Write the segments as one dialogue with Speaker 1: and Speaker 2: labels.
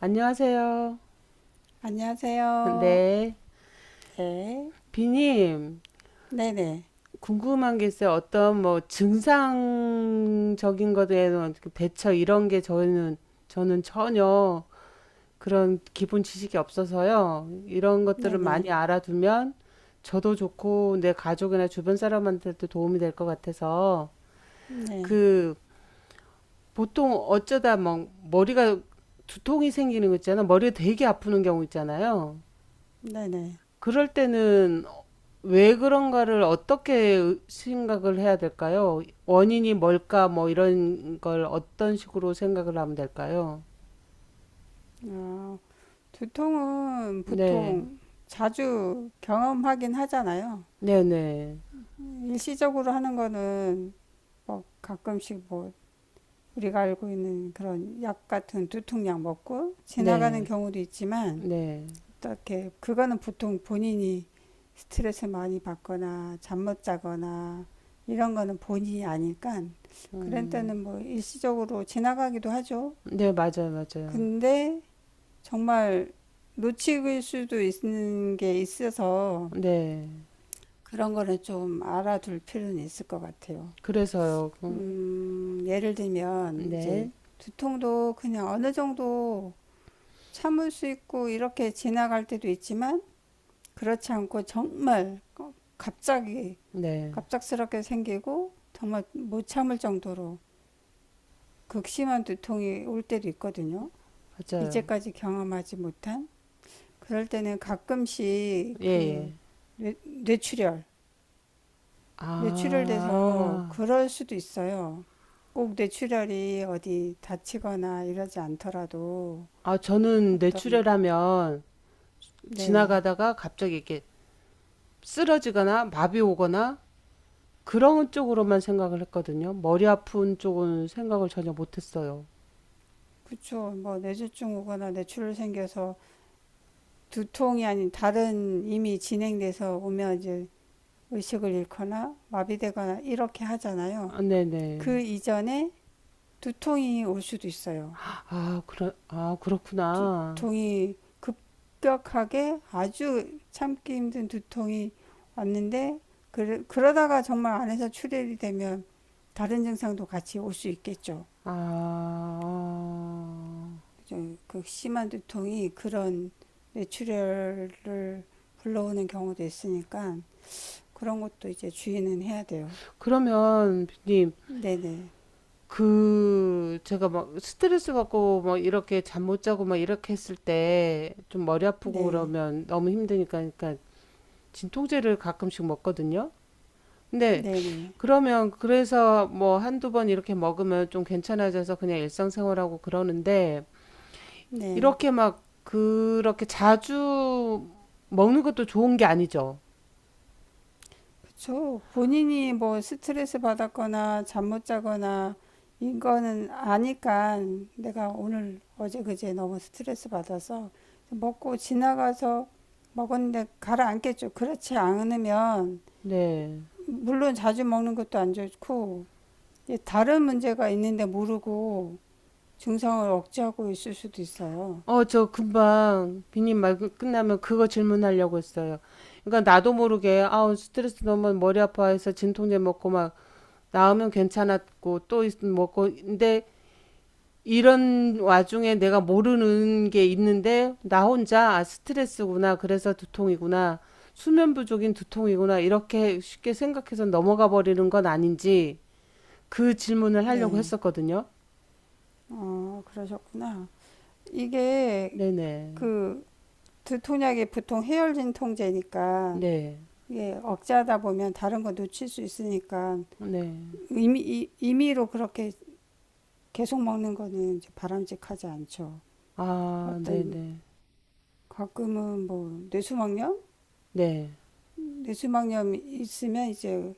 Speaker 1: 안녕하세요.
Speaker 2: 안녕하세요.
Speaker 1: 네.
Speaker 2: 네.
Speaker 1: 비님,
Speaker 2: 네네.
Speaker 1: 궁금한 게 있어요. 어떤 뭐 증상적인 것에 대한 대처 이런 게 저는, 전혀 그런 기본 지식이 없어서요. 이런 것들을 많이
Speaker 2: 네네.
Speaker 1: 알아두면 저도 좋고 내 가족이나 주변 사람한테도 도움이 될 것 같아서
Speaker 2: 네.
Speaker 1: 그 보통 어쩌다 막 머리가 두통이 생기는 거 있잖아. 머리가 되게 아프는 경우 있잖아요.
Speaker 2: 네네.
Speaker 1: 그럴 때는 왜 그런가를 어떻게 생각을 해야 될까요? 원인이 뭘까 뭐 이런 걸 어떤 식으로 생각을 하면 될까요?
Speaker 2: 아, 두통은
Speaker 1: 네.
Speaker 2: 보통 자주 경험하긴 하잖아요.
Speaker 1: 네네.
Speaker 2: 일시적으로 하는 거는 뭐 가끔씩 뭐 우리가 알고 있는 그런 약 같은 두통약 먹고 지나가는
Speaker 1: 네.
Speaker 2: 경우도 있지만
Speaker 1: 네. 네.
Speaker 2: 어떻게 그거는 보통 본인이 스트레스 많이 받거나 잠 못 자거나 이런 거는 본인이 아니까 그런
Speaker 1: 음.
Speaker 2: 때는 뭐 일시적으로 지나가기도 하죠.
Speaker 1: 네, 맞아요, 맞아요.
Speaker 2: 근데 정말 놓칠 수도 있는 게 있어서
Speaker 1: 네.
Speaker 2: 그런 거는 좀 알아둘 필요는 있을 것 같아요.
Speaker 1: 그래서요.
Speaker 2: 예를 들면 이제
Speaker 1: 네.
Speaker 2: 두통도 그냥 어느 정도 참을 수 있고 이렇게 지나갈 때도 있지만 그렇지 않고 정말 갑자기
Speaker 1: 네.
Speaker 2: 갑작스럽게 생기고 정말 못 참을 정도로 극심한 두통이 올 때도 있거든요.
Speaker 1: 맞아요.
Speaker 2: 이제까지 경험하지 못한 그럴 때는 가끔씩
Speaker 1: 예,
Speaker 2: 그
Speaker 1: 예.
Speaker 2: 뇌, 뇌출혈 뇌출혈돼서
Speaker 1: 아.
Speaker 2: 그럴 수도 있어요. 꼭 뇌출혈이 어디 다치거나 이러지 않더라도
Speaker 1: 아, 저는
Speaker 2: 어떤
Speaker 1: 뇌출혈하면
Speaker 2: 네
Speaker 1: 지나가다가 갑자기 이렇게 쓰러지거나 마비 오거나 그런 쪽으로만 생각을 했거든요. 머리 아픈 쪽은 생각을 전혀 못했어요.
Speaker 2: 그쵸 뭐 뇌졸중 오거나 뇌출혈 생겨서 두통이 아닌 다른 이미 진행돼서 오면 이제 의식을 잃거나 마비되거나 이렇게 하잖아요.
Speaker 1: 아, 네네.
Speaker 2: 그 이전에 두통이 올 수도 있어요.
Speaker 1: 아, 아, 그렇구나.
Speaker 2: 두통이 급격하게 아주 참기 힘든 두통이 왔는데 그러다가 정말 안에서 출혈이 되면 다른 증상도 같이 올 수 있겠죠.
Speaker 1: 아, 어.
Speaker 2: 그죠? 그 심한 두통이 그런 뇌출혈을 불러오는 경우도 있으니까 그런 것도 이제 주의는 해야 돼요.
Speaker 1: 그러면, 님,
Speaker 2: 네네.
Speaker 1: 그, 제가 막 스트레스 받고 막 이렇게 잠 못 자고 막 이렇게 했을 때 좀 머리 아프고
Speaker 2: 네.
Speaker 1: 그러면 너무 힘드니까, 그러니까 진통제를 가끔씩 먹거든요. 근데
Speaker 2: 네네.
Speaker 1: 그러면 그래서 뭐 한두 번 이렇게 먹으면 좀 괜찮아져서 그냥 일상생활하고 그러는데
Speaker 2: 네.
Speaker 1: 이렇게 막 그렇게 자주 먹는 것도 좋은 게 아니죠.
Speaker 2: 그쵸. 본인이 뭐 스트레스 받았거나 잠 못 자거나 이거는 아니까 내가 오늘 어제 그제 너무 스트레스 받아서 먹고 지나가서 먹었는데 가라앉겠죠. 그렇지 않으면
Speaker 1: 네.
Speaker 2: 물론 자주 먹는 것도 안 좋고 이제 다른 문제가 있는데 모르고 증상을 억제하고 있을 수도 있어요.
Speaker 1: 어, 저 금방 비님 말 끝나면 그거 질문하려고 했어요. 그러니까 나도 모르게 아우 스트레스 너무 머리 아파해서 진통제 먹고 막 나으면 괜찮았고 또 먹고 근데 이런 와중에 내가 모르는 게 있는데 나 혼자 아 스트레스구나 그래서 두통이구나 수면 부족인 두통이구나 이렇게 쉽게 생각해서 넘어가 버리는 건 아닌지 그 질문을 하려고
Speaker 2: 네.
Speaker 1: 했었거든요.
Speaker 2: 어, 그러셨구나. 이게
Speaker 1: 네네.
Speaker 2: 그 두통약이 보통 해열진 통제니까
Speaker 1: 네.
Speaker 2: 이게 억제하다 보면 다른 거 놓칠 수 있으니까
Speaker 1: 네.
Speaker 2: 임의로 그렇게 계속 먹는 거는 이제 바람직하지 않죠.
Speaker 1: 아,
Speaker 2: 어떤
Speaker 1: 네네.
Speaker 2: 가끔은 뭐 뇌수막염?
Speaker 1: 네.
Speaker 2: 뇌수막염 있으면 이제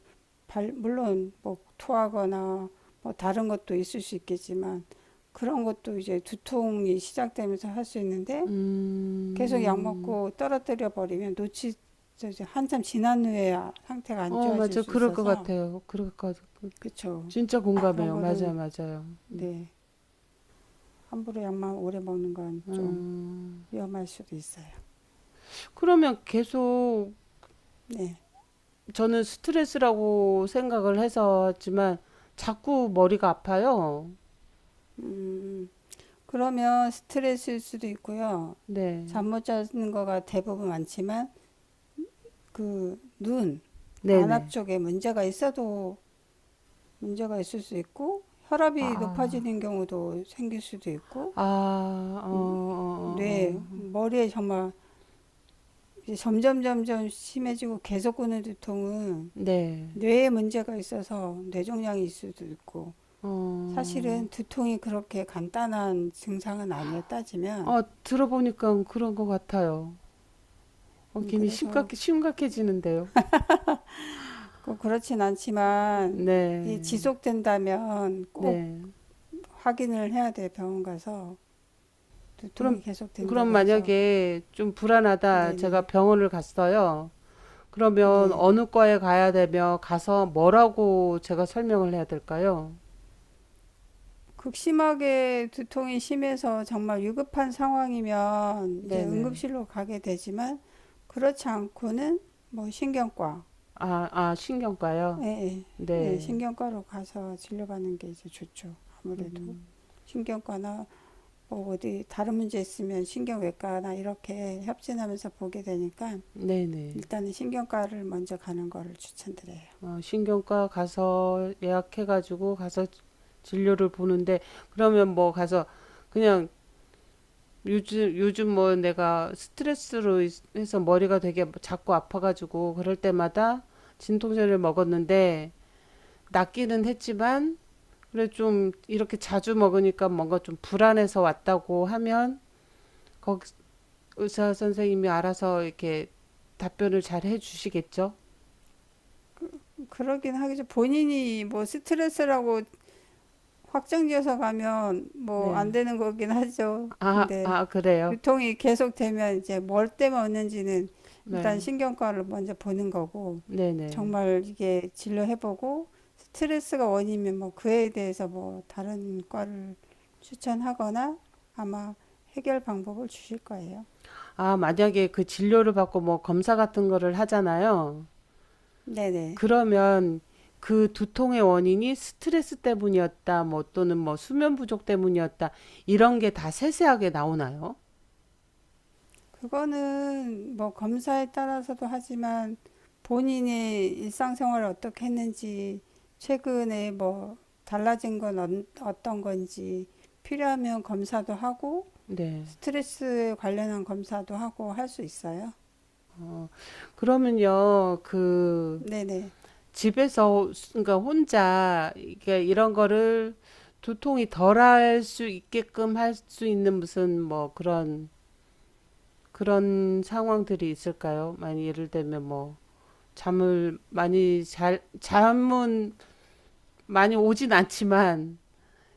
Speaker 2: 물론 뭐 토하거나 뭐 다른 것도 있을 수 있겠지만 그런 것도 이제 두통이 시작되면서 할 수 있는데
Speaker 1: 음,
Speaker 2: 계속 약
Speaker 1: 음.
Speaker 2: 먹고 떨어뜨려 버리면 놓치 한참 지난 후에야 상태가 안
Speaker 1: 어,
Speaker 2: 좋아질
Speaker 1: 맞아.
Speaker 2: 수
Speaker 1: 그럴 것
Speaker 2: 있어서
Speaker 1: 같아요. 그럴 것 같아요.
Speaker 2: 그쵸
Speaker 1: 진짜
Speaker 2: 그런
Speaker 1: 공감해요.
Speaker 2: 거는
Speaker 1: 맞아요, 맞아요. 음.
Speaker 2: 네 함부로 약만 오래 먹는 건 좀
Speaker 1: 음.
Speaker 2: 위험할 수도 있어요.
Speaker 1: 그러면 계속
Speaker 2: 네.
Speaker 1: 저는 스트레스라고 생각을 해서 했지만 자꾸 머리가 아파요.
Speaker 2: 음 그러면 스트레스일 수도 있고요.
Speaker 1: 네.
Speaker 2: 잠 못 자는 거가 대부분 많지만 그 눈 안압
Speaker 1: 네네.
Speaker 2: 쪽에 문제가 있어도 문제가 있을 수 있고 혈압이
Speaker 1: 아,
Speaker 2: 높아지는 경우도 생길 수도 있고
Speaker 1: 아, 아, 어, 어,
Speaker 2: 뇌
Speaker 1: 어, 어.
Speaker 2: 머리에 정말 이제 점점 점점 심해지고 계속 오는 두통은
Speaker 1: 네.
Speaker 2: 뇌에 문제가 있어서 뇌종양일 수도 있고
Speaker 1: 어.
Speaker 2: 사실은 두통이 그렇게 간단한 증상은 아니에요 따지면.
Speaker 1: 어, 들어보니까 그런 것 같아요. 어, 괜히
Speaker 2: 그래서
Speaker 1: 심각해지는데요.
Speaker 2: 꼭 그렇진 않지만 이게
Speaker 1: 네,
Speaker 2: 지속된다면 꼭
Speaker 1: 네.
Speaker 2: 확인을 해야 돼 병원 가서 두통이
Speaker 1: 그럼,
Speaker 2: 계속된다고 해서.
Speaker 1: 만약에 좀 불안하다, 제가
Speaker 2: 네네.
Speaker 1: 병원을 갔어요. 그러면
Speaker 2: 네.
Speaker 1: 어느 과에 가야 되며, 가서 뭐라고 제가 설명을 해야 될까요?
Speaker 2: 극심하게 두통이 심해서 정말 위급한 상황이면 이제
Speaker 1: 네네.
Speaker 2: 응급실로 가게 되지만 그렇지 않고는 뭐 신경과,
Speaker 1: 아, 아, 신경과요?
Speaker 2: 예, 예, 예,
Speaker 1: 네.
Speaker 2: 신경과로 가서 진료받는 게 이제 좋죠. 아무래도
Speaker 1: 음,
Speaker 2: 신경과나 뭐 어디 다른 문제 있으면 신경외과나 이렇게 협진하면서 보게 되니까
Speaker 1: 네네.
Speaker 2: 일단은 신경과를 먼저 가는 거를 추천드려요.
Speaker 1: 어, 신경과 가서 예약해가지고 가서 진료를 보는데, 그러면 뭐 가서 그냥 요즘, 뭐 내가 스트레스로 해서 머리가 되게 자꾸 아파가지고 그럴 때마다 진통제를 먹었는데 낫기는 했지만 그래 좀 이렇게 자주 먹으니까 뭔가 좀 불안해서 왔다고 하면 거기 의사 선생님이 알아서 이렇게 답변을 잘 해주시겠죠?
Speaker 2: 그러긴 하겠죠. 본인이 뭐 스트레스라고 확정지어서 가면 뭐 안
Speaker 1: 네.
Speaker 2: 되는 거긴 하죠.
Speaker 1: 아,
Speaker 2: 근데
Speaker 1: 아, 그래요?
Speaker 2: 유통이 계속되면 이제 뭘 때문에 얻는지는
Speaker 1: 네.
Speaker 2: 일단 신경과를 먼저 보는 거고
Speaker 1: 네네.
Speaker 2: 정말 이게 진료해보고 스트레스가 원인이면 뭐 그에 대해서 뭐 다른 과를 추천하거나 아마 해결 방법을 주실 거예요.
Speaker 1: 아, 만약에 그 진료를 받고 뭐 검사 같은 거를 하잖아요.
Speaker 2: 네네.
Speaker 1: 그러면 그 두통의 원인이 스트레스 때문이었다, 뭐 또는 뭐 수면 부족 때문이었다, 이런 게 다 세세하게 나오나요?
Speaker 2: 그거는 뭐 검사에 따라서도 하지만 본인의 일상생활을 어떻게 했는지 최근에 뭐 달라진 건 떤 건지 필요하면 검사도 하고
Speaker 1: 네.
Speaker 2: 스트레스 관련한 검사도 하고 할 수 있어요.
Speaker 1: 어, 그러면요, 그
Speaker 2: 네네.
Speaker 1: 집에서, 그러니까 혼자, 이게 이런 거를 두통이 덜할 수 있게끔 할 수 있는 무슨 뭐 그런, 그런 상황들이 있을까요? 만약 예를 들면 뭐, 잠을 많이 잘, 잠은 많이 오진 않지만,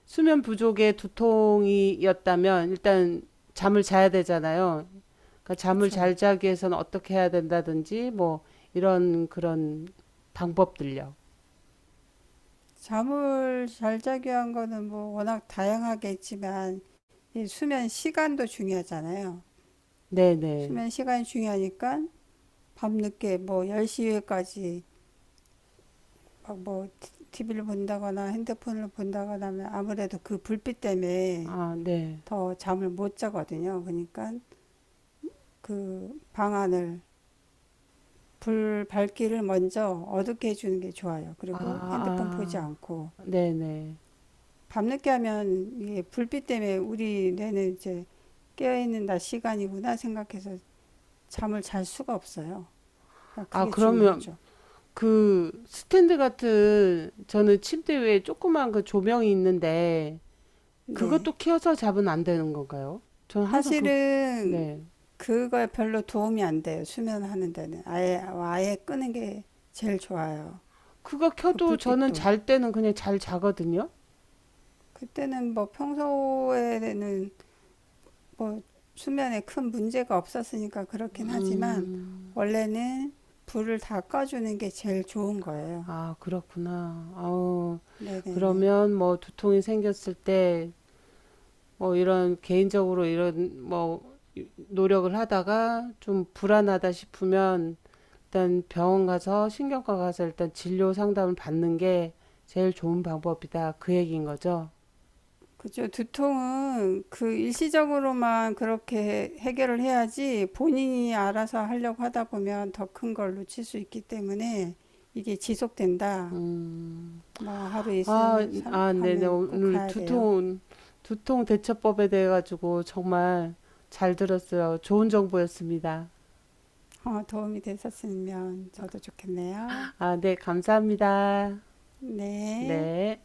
Speaker 1: 수면 부족의 두통이었다면 일단 잠을 자야 되잖아요. 그러니까 잠을
Speaker 2: 그쵸.
Speaker 1: 잘 자기 위해서는 어떻게 해야 된다든지 뭐 이런 그런 방법들요.
Speaker 2: 잠을 잘 자기 위한 거는 뭐 워낙 다양하게 있지만 이 수면 시간도 중요하잖아요.
Speaker 1: 네네.
Speaker 2: 수면 시간이 중요하니까 밤늦게 뭐 10시까지 막 뭐 TV를 본다거나 핸드폰을 본다거나 하면 아무래도 그 불빛 때문에
Speaker 1: 아, 네.
Speaker 2: 더 잠을 못 자거든요. 그러니까 그 방안을 불 밝기를 먼저 어둡게 해주는 게 좋아요.
Speaker 1: 아,
Speaker 2: 그리고 핸드폰 보지 않고
Speaker 1: 아, 네네.
Speaker 2: 밤늦게 하면 이게 불빛 때문에 우리 뇌는 이제 깨어있는 낮 시간이구나 생각해서 잠을 잘 수가 없어요. 그러니까
Speaker 1: 아,
Speaker 2: 그게
Speaker 1: 그러면
Speaker 2: 중요하죠.
Speaker 1: 그 스탠드 같은 저는 침대 위에 조그만 그 조명이 있는데
Speaker 2: 네.
Speaker 1: 그것도 켜서 자면 안 되는 건가요? 저는 항상 그,
Speaker 2: 사실은
Speaker 1: 네.
Speaker 2: 그거에 별로 도움이 안 돼요. 수면하는 데는 아예 아예 끄는 게 제일 좋아요.
Speaker 1: 그거
Speaker 2: 그
Speaker 1: 켜도 저는
Speaker 2: 불빛도
Speaker 1: 잘 때는 그냥 잘 자거든요.
Speaker 2: 그때는 뭐 평소에는 뭐 수면에 큰 문제가 없었으니까 그렇긴 하지만
Speaker 1: 음,
Speaker 2: 원래는 불을 다 꺼주는 게 제일 좋은 거예요.
Speaker 1: 아, 그렇구나. 아우,
Speaker 2: 네네네.
Speaker 1: 그러면 뭐 두통이 생겼을 때 뭐 이런 개인적으로 이런 뭐 노력을 하다가 좀 불안하다 싶으면 일단 병원 가서 신경과 가서 일단 진료 상담을 받는 게 제일 좋은 방법이다. 그 얘기인 거죠.
Speaker 2: 그죠. 두통은 그 일시적으로만 그렇게 해결을 해야지 본인이 알아서 하려고 하다 보면 더 큰 걸 놓칠 수 있기 때문에 이게 지속된다.
Speaker 1: 음,
Speaker 2: 뭐 하루
Speaker 1: 아, 아, 네네.
Speaker 2: 하면 꼭
Speaker 1: 오늘
Speaker 2: 가야 돼요.
Speaker 1: 두통, 대처법에 대해 가지고 정말 잘 들었어요. 좋은 정보였습니다.
Speaker 2: 어, 도움이 됐었으면 저도 좋겠네요.
Speaker 1: 아, 네, 감사합니다.
Speaker 2: 네.
Speaker 1: 네.